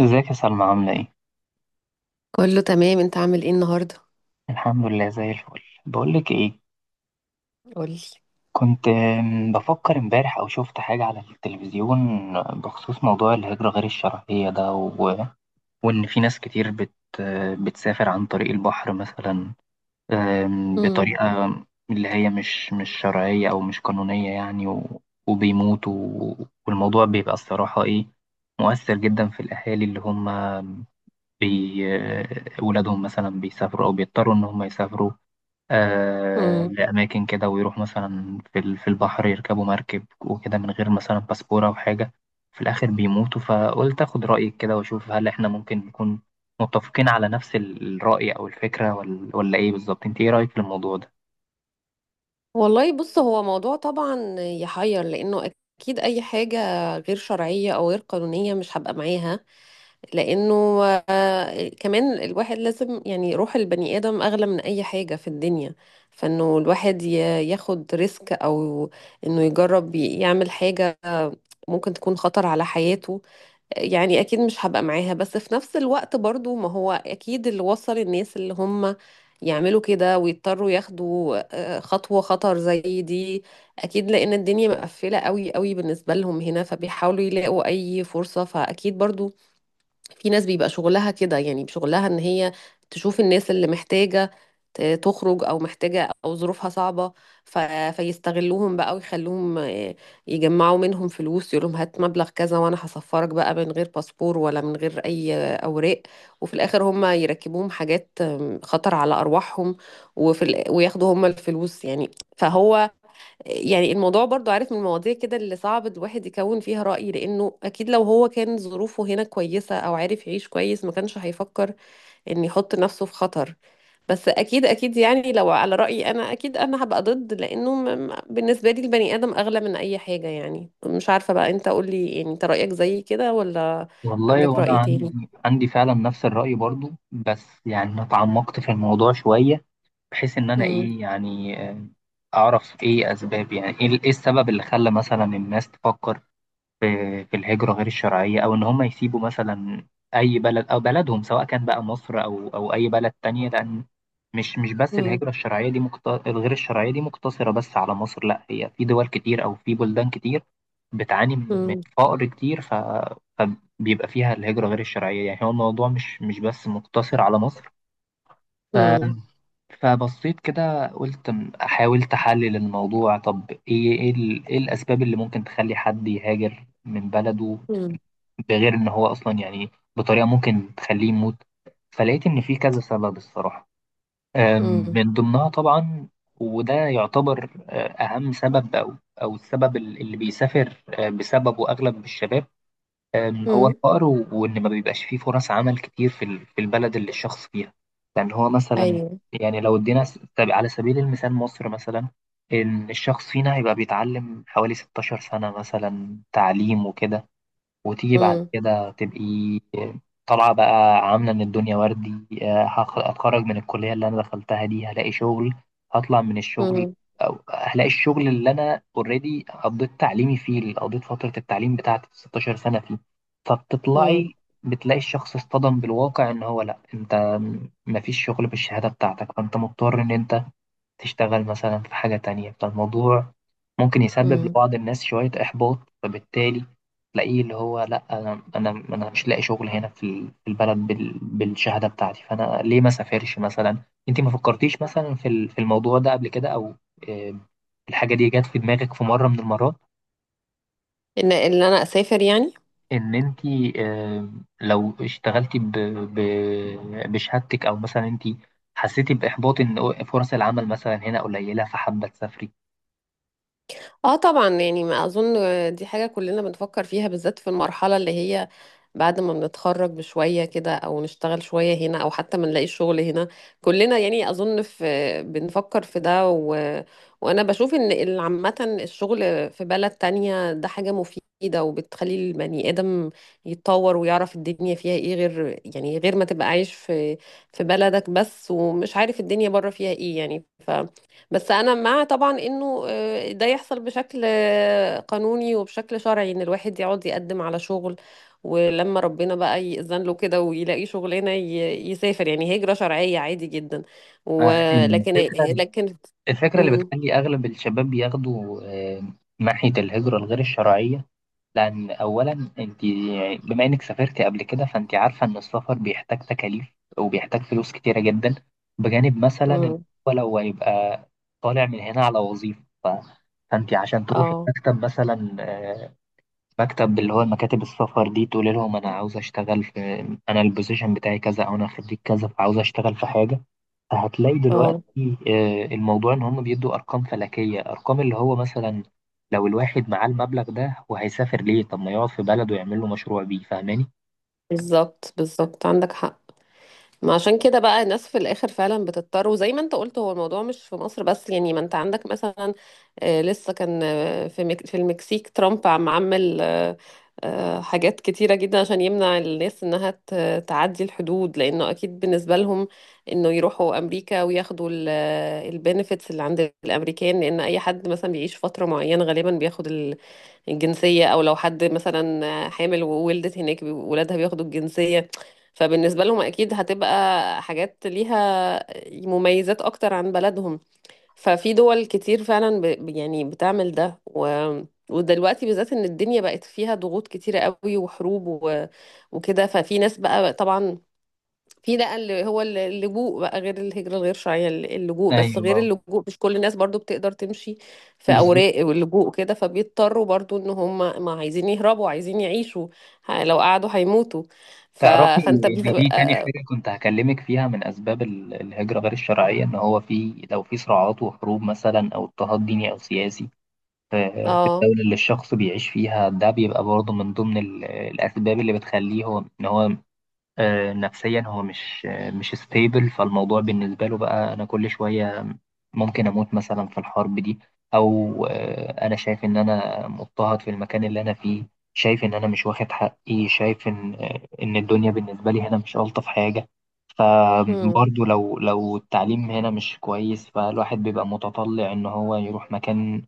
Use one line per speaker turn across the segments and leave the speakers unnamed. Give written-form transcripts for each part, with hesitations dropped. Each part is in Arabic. ازيك يا سلمى، عاملة ايه؟
كله تمام، انت عامل ايه النهارده؟
الحمد لله زي الفل. بقولك ايه.
قولي.
كنت بفكر امبارح او شفت حاجة على التلفزيون بخصوص موضوع الهجرة غير الشرعية ده، وان في ناس كتير بت... بتسافر عن طريق البحر مثلا،
امم
بطريقة اللي هي مش شرعية او مش قانونية، يعني، وبيموتوا، والموضوع بيبقى الصراحة ايه، مؤثر جدا في الاهالي، اللي هم بي... آه، ولادهم مثلا بيسافروا او بيضطروا ان هم يسافروا
امم
لأماكن كده، ويروح مثلا في البحر يركبوا مركب وكده، من غير مثلا باسبورة أو حاجة. في الآخر بيموتوا. فقلت أخد رأيك كده وأشوف، هل إحنا ممكن نكون متفقين على نفس الرأي أو الفكرة، ولا إيه بالظبط؟ أنت إيه رأيك في الموضوع ده؟
والله بص، هو موضوع طبعا يحير، لانه اكيد اي حاجه غير شرعيه او غير قانونيه مش هبقى معاها. لانه كمان، الواحد لازم يعني، روح البني ادم اغلى من اي حاجه في الدنيا. فانه الواحد ياخد ريسك، او انه يجرب يعمل حاجه ممكن تكون خطر على حياته. يعني اكيد مش هبقى معاها، بس في نفس الوقت برضو ما هو اكيد اللي وصل الناس اللي هم يعملوا كده ويضطروا ياخدوا خطوة خطر زي دي، اكيد لان الدنيا مقفلة قوي قوي بالنسبة لهم هنا، فبيحاولوا يلاقوا اي فرصة. فاكيد برضو في ناس بيبقى شغلها كده، يعني شغلها ان هي تشوف الناس اللي محتاجة تخرج او محتاجة او ظروفها صعبة، ف... فيستغلوهم بقى ويخلوهم يجمعوا منهم فلوس. يقولهم هات مبلغ كذا وانا هسفرك بقى من غير باسبور ولا من غير اي اوراق، وفي الاخر هم يركبوهم حاجات خطر على ارواحهم، وياخدوا هم الفلوس يعني. فهو يعني الموضوع برضو، عارف، من المواضيع كده اللي صعب الواحد يكون فيها رأي، لأنه أكيد لو هو كان ظروفه هنا كويسة أو عارف يعيش كويس، ما كانش هيفكر إن يحط نفسه في خطر. بس أكيد أكيد، يعني لو على رأيي أنا، أكيد أنا هبقى ضد، لأنه بالنسبة لي البني آدم أغلى من أي حاجة. يعني مش عارفة بقى، أنت قولي، يعني أنت رأيك زي كده ولا
والله،
عندك
وأنا
رأي تاني؟
عندي فعلا نفس الرأي برضو. بس يعني أنا اتعمقت في الموضوع شوية، بحيث إن أنا
مم.
إيه يعني، أعرف إيه أسباب، يعني إيه السبب اللي خلى مثلا الناس تفكر في الهجرة غير الشرعية، أو إن هم يسيبوا مثلا أي بلد أو بلدهم، سواء كان بقى مصر أو أي بلد تانية. لأن مش بس
مم.
الهجرة الشرعية دي الغير الشرعية دي مقتصرة بس على مصر، لا، هي في دول كتير أو في بلدان كتير بتعاني من
مم.
فقر كتير، فبيبقى فيها الهجرة غير الشرعية. يعني هو الموضوع مش بس مقتصر على مصر. ف...
مم.
فبصيت كده قلت، حاولت احلل الموضوع. طب ايه الاسباب اللي ممكن تخلي حد يهاجر من بلده،
مم.
بغير ان هو اصلا يعني بطريقة ممكن تخليه يموت؟ فلقيت ان في كذا سبب الصراحة.
مم.
من ضمنها طبعا، وده يعتبر اهم سبب، او السبب اللي بيسافر بسببه اغلب الشباب، هو
مم.
الفقر، وإن ما بيبقاش فيه فرص عمل كتير في البلد اللي الشخص فيها. لأن هو مثلا،
أيوه.
يعني، لو ادينا، طب على سبيل المثال مصر مثلا، إن الشخص فينا هيبقى بيتعلم حوالي 16 سنة مثلا تعليم وكده، وتيجي بعد
مم.
كده تبقي طالعة بقى عاملة إن الدنيا وردي. هتخرج من الكلية اللي أنا دخلتها دي، هلاقي شغل، هطلع من الشغل،
مم.
أو هلاقي الشغل اللي أنا أوريدي قضيت تعليمي فيه، اللي قضيت فترة التعليم بتاعتي 16 سنة فيه. فبتطلعي بتلاقي الشخص اصطدم بالواقع، إن هو، لأ أنت مفيش شغل بالشهادة بتاعتك، فأنت مضطر إن أنت تشتغل مثلا في حاجة تانية. فالموضوع ممكن يسبب
مم.
لبعض الناس شوية إحباط، فبالتالي تلاقيه اللي هو، لأ، أنا مش لاقي شغل هنا في البلد بالشهادة بتاعتي، فأنا ليه ما سافرش مثلا؟ أنت ما فكرتيش مثلا في الموضوع ده قبل كده، أو آه، الحاجة دي جت في دماغك في مرة من المرات،
ان انا اسافر يعني.
إن أنت آه، لو اشتغلتي بشهادتك، أو مثلا أنت حسيتي بإحباط إن فرص العمل مثلا هنا قليلة، فحابة تسافري؟
اه، طبعا يعني، ما اظن دي حاجه كلنا بنفكر فيها، بالذات في المرحله اللي هي بعد ما بنتخرج بشويه كده، او نشتغل شويه هنا، او حتى ما نلاقي شغل هنا. كلنا يعني اظن في، بنفكر في ده. و... وانا بشوف ان عامه الشغل في بلد تانية ده حاجه مفيده، وبتخلي البني ادم يتطور ويعرف الدنيا فيها ايه، غير يعني غير ما تبقى عايش في بلدك بس ومش عارف الدنيا بره فيها ايه يعني. بس انا مع طبعا انه ده يحصل بشكل قانوني وبشكل شرعي، ان الواحد يقعد يقدم على شغل ولما ربنا بقى يأذن له كده ويلاقي شغلانه، يسافر، يعني هجره شرعيه عادي جدا. ولكن
فالفكرة
لكن
الفكرة اللي
امم
بتخلي أغلب الشباب بياخدوا آه، ناحية الهجرة الغير الشرعية، لأن أولا أنت يعني، بما إنك سافرت قبل كده، فأنت عارفة إن السفر بيحتاج تكاليف وبيحتاج فلوس كتيرة جدا، بجانب مثلا إن
امم
هو لو هيبقى طالع من هنا على وظيفة. فأنت عشان تروحي
اه
مكتب مثلا، مكتب اللي هو مكاتب السفر دي، تقولي لهم أنا عاوز أشتغل في، أنا البوزيشن بتاعي كذا أو أنا خريج كذا، فعاوز أشتغل في حاجة، هتلاقي دلوقتي
اه،
الموضوع ان هم بيدوا ارقام فلكيه. ارقام اللي هو مثلا، لو الواحد معاه المبلغ ده وهيسافر، ليه؟ طب ما يقعد في بلده ويعمل له مشروع بيه. فاهماني؟
بالظبط بالظبط، عندك حق. ما عشان كده بقى الناس في الاخر فعلا بتضطر، وزي ما انت قلت، هو الموضوع مش في مصر بس يعني. ما انت عندك مثلا، لسه كان في في المكسيك، ترامب عمل حاجات كتيرة جدا عشان يمنع الناس انها تعدي الحدود، لانه اكيد بالنسبة لهم انه يروحوا امريكا وياخدوا البنفيتس اللي عند الامريكان. لان اي حد مثلا بيعيش فترة معينة غالبا بياخد الجنسية، أو لو حد مثلا حامل وولدت هناك ولادها بياخدوا الجنسية. فبالنسبة لهم أكيد هتبقى حاجات ليها مميزات أكتر عن بلدهم. ففي دول كتير فعلا يعني بتعمل ده. و... ودلوقتي بالذات، إن الدنيا بقت فيها ضغوط كتيرة قوي، وحروب وكده. ففي ناس بقى طبعا، في بقى اللي هو اللجوء، بقى غير الهجرة الغير شرعية، اللجوء. بس
ايوه،
غير اللجوء، مش كل الناس برضو بتقدر تمشي في أوراق
بالظبط.
واللجوء كده، فبيضطروا برضو إن هم، ما عايزين يهربوا، عايزين يعيشوا. لو قعدوا هيموتوا. ف...
تعرفي
فأنت
ان
بيبقى
دي تاني حاجة كنت هكلمك فيها، من اسباب الهجرة غير الشرعية، ان هو، في لو في صراعات وحروب مثلا، او اضطهاد ديني او سياسي في
اه.
الدولة اللي الشخص بيعيش فيها، ده بيبقى برضه من ضمن الاسباب اللي بتخليه هو، ان هو، نفسيا هو مش ستيبل. فالموضوع بالنسبة له بقى، أنا كل شوية ممكن أموت مثلا في الحرب دي، أو أنا شايف إن أنا مضطهد في المكان اللي أنا فيه، شايف إن أنا مش واخد حقي، شايف إن الدنيا بالنسبة لي هنا مش ألطف حاجة.
امم
فبرضه لو التعليم هنا مش كويس، فالواحد بيبقى متطلع إن هو يروح مكان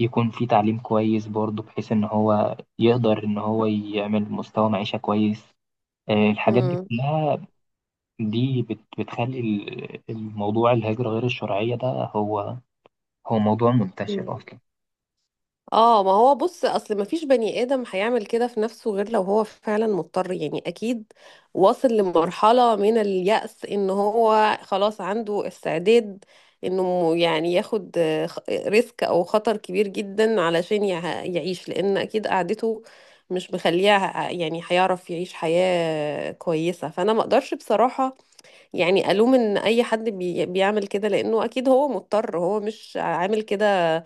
يكون فيه تعليم كويس برضه، بحيث إن هو يقدر إن هو يعمل مستوى معيشة كويس. الحاجات دي
امم.
كلها، دي بتخلي الموضوع، الهجرة غير الشرعية ده، هو هو موضوع
امم.
منتشر أصلا.
اه، ما هو بص، اصل ما فيش بني ادم هيعمل كده في نفسه غير لو هو فعلا مضطر، يعني اكيد واصل لمرحلة من اليأس ان هو خلاص عنده استعداد انه يعني ياخد ريسك او خطر كبير جدا علشان يعيش، لان اكيد قعدته مش مخليه يعني هيعرف يعيش حياة كويسة. فانا ما اقدرش بصراحة يعني ألوم إن أي حد بيعمل كده، لأنه أكيد هو مضطر، هو مش عامل كده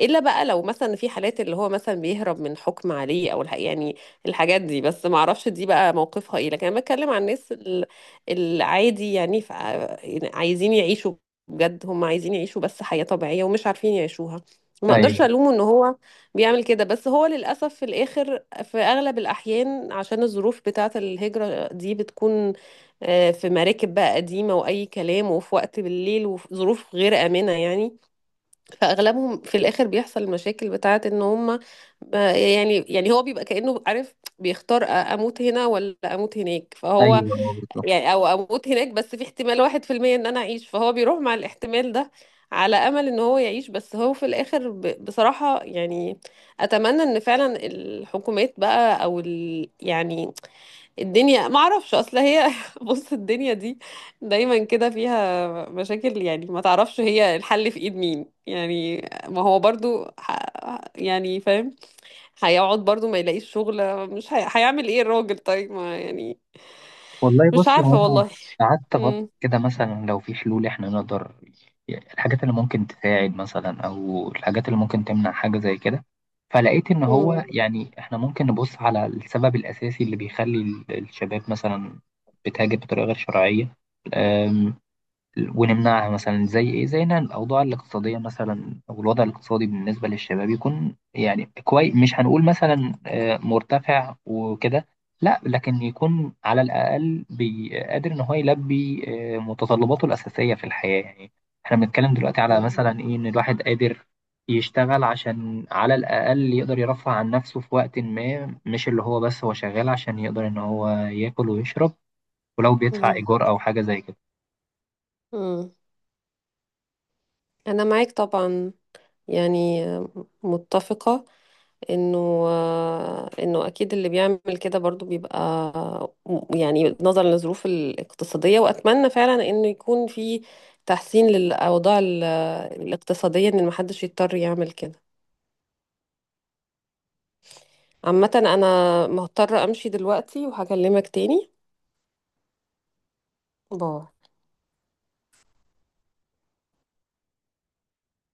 إلا بقى لو مثلا في حالات اللي هو مثلا بيهرب من حكم عليه، أو يعني الحاجات دي. بس ما أعرفش دي بقى موقفها إيه. لكن أنا بتكلم عن الناس العادي، يعني يعني عايزين يعيشوا، بجد هم عايزين يعيشوا بس حياة طبيعية ومش عارفين يعيشوها. ما اقدرش
أيوه،
الومه ان هو بيعمل كده. بس هو للاسف في الاخر في اغلب الاحيان، عشان الظروف بتاعه، الهجره دي بتكون في مراكب بقى قديمة وأي كلام، وفي وقت بالليل، وفي ظروف غير آمنة يعني. فأغلبهم في الآخر بيحصل المشاكل بتاعة إن هم يعني هو بيبقى كأنه، عارف، بيختار أموت هنا ولا أموت هناك. فهو
أيوه، أيوه،
يعني،
بالظبط.
أو أموت هناك بس في احتمال 1% إن أنا أعيش، فهو بيروح مع الاحتمال ده على امل ان هو يعيش. بس هو في الاخر بصراحة يعني، اتمنى ان فعلا الحكومات بقى، او يعني الدنيا، ما اعرفش، اصل هي بص الدنيا دي دايما كده فيها مشاكل، يعني ما تعرفش هي الحل في ايد مين يعني. ما هو برضو يعني فاهم، هيقعد برضو ما يلاقيش شغل، مش هيعمل ايه الراجل؟ طيب ما يعني.
والله
مش
بصي، هو
عارفة
أنا
والله.
قعدت أفكر
مم.
كده، مثلا لو في حلول، إحنا نقدر الحاجات اللي ممكن تساعد مثلا، أو الحاجات اللي ممكن تمنع حاجة زي كده. فلقيت إن هو،
مم.
يعني، إحنا ممكن نبص على السبب الأساسي اللي بيخلي الشباب مثلا بتهاجر بطريقة غير شرعية، ونمنعها. مثلا زي ايه؟ زي ان الاوضاع الاقتصاديه مثلا، او الوضع الاقتصادي بالنسبه للشباب، يكون يعني كويس، مش هنقول مثلا مرتفع وكده، لا، لكن يكون على الاقل قادر ان هو يلبي متطلباته الاساسيه في الحياه، يعني. احنا بنتكلم دلوقتي على
مم.
مثلا ايه؟ ان الواحد قادر يشتغل، عشان على الاقل يقدر يرفع عن نفسه في وقت ما، مش اللي هو بس هو شغال عشان يقدر ان هو ياكل ويشرب، ولو بيدفع ايجار او حاجه زي كده
مم. انا معاك طبعا، يعني متفقة انه انه اكيد اللي بيعمل كده برضو بيبقى، يعني نظرا للظروف الاقتصادية. واتمنى فعلا انه يكون في تحسين للاوضاع الاقتصادية، ان محدش يضطر يعمل كده. عامة انا مضطرة امشي دلوقتي، وهكلمك تاني. باي.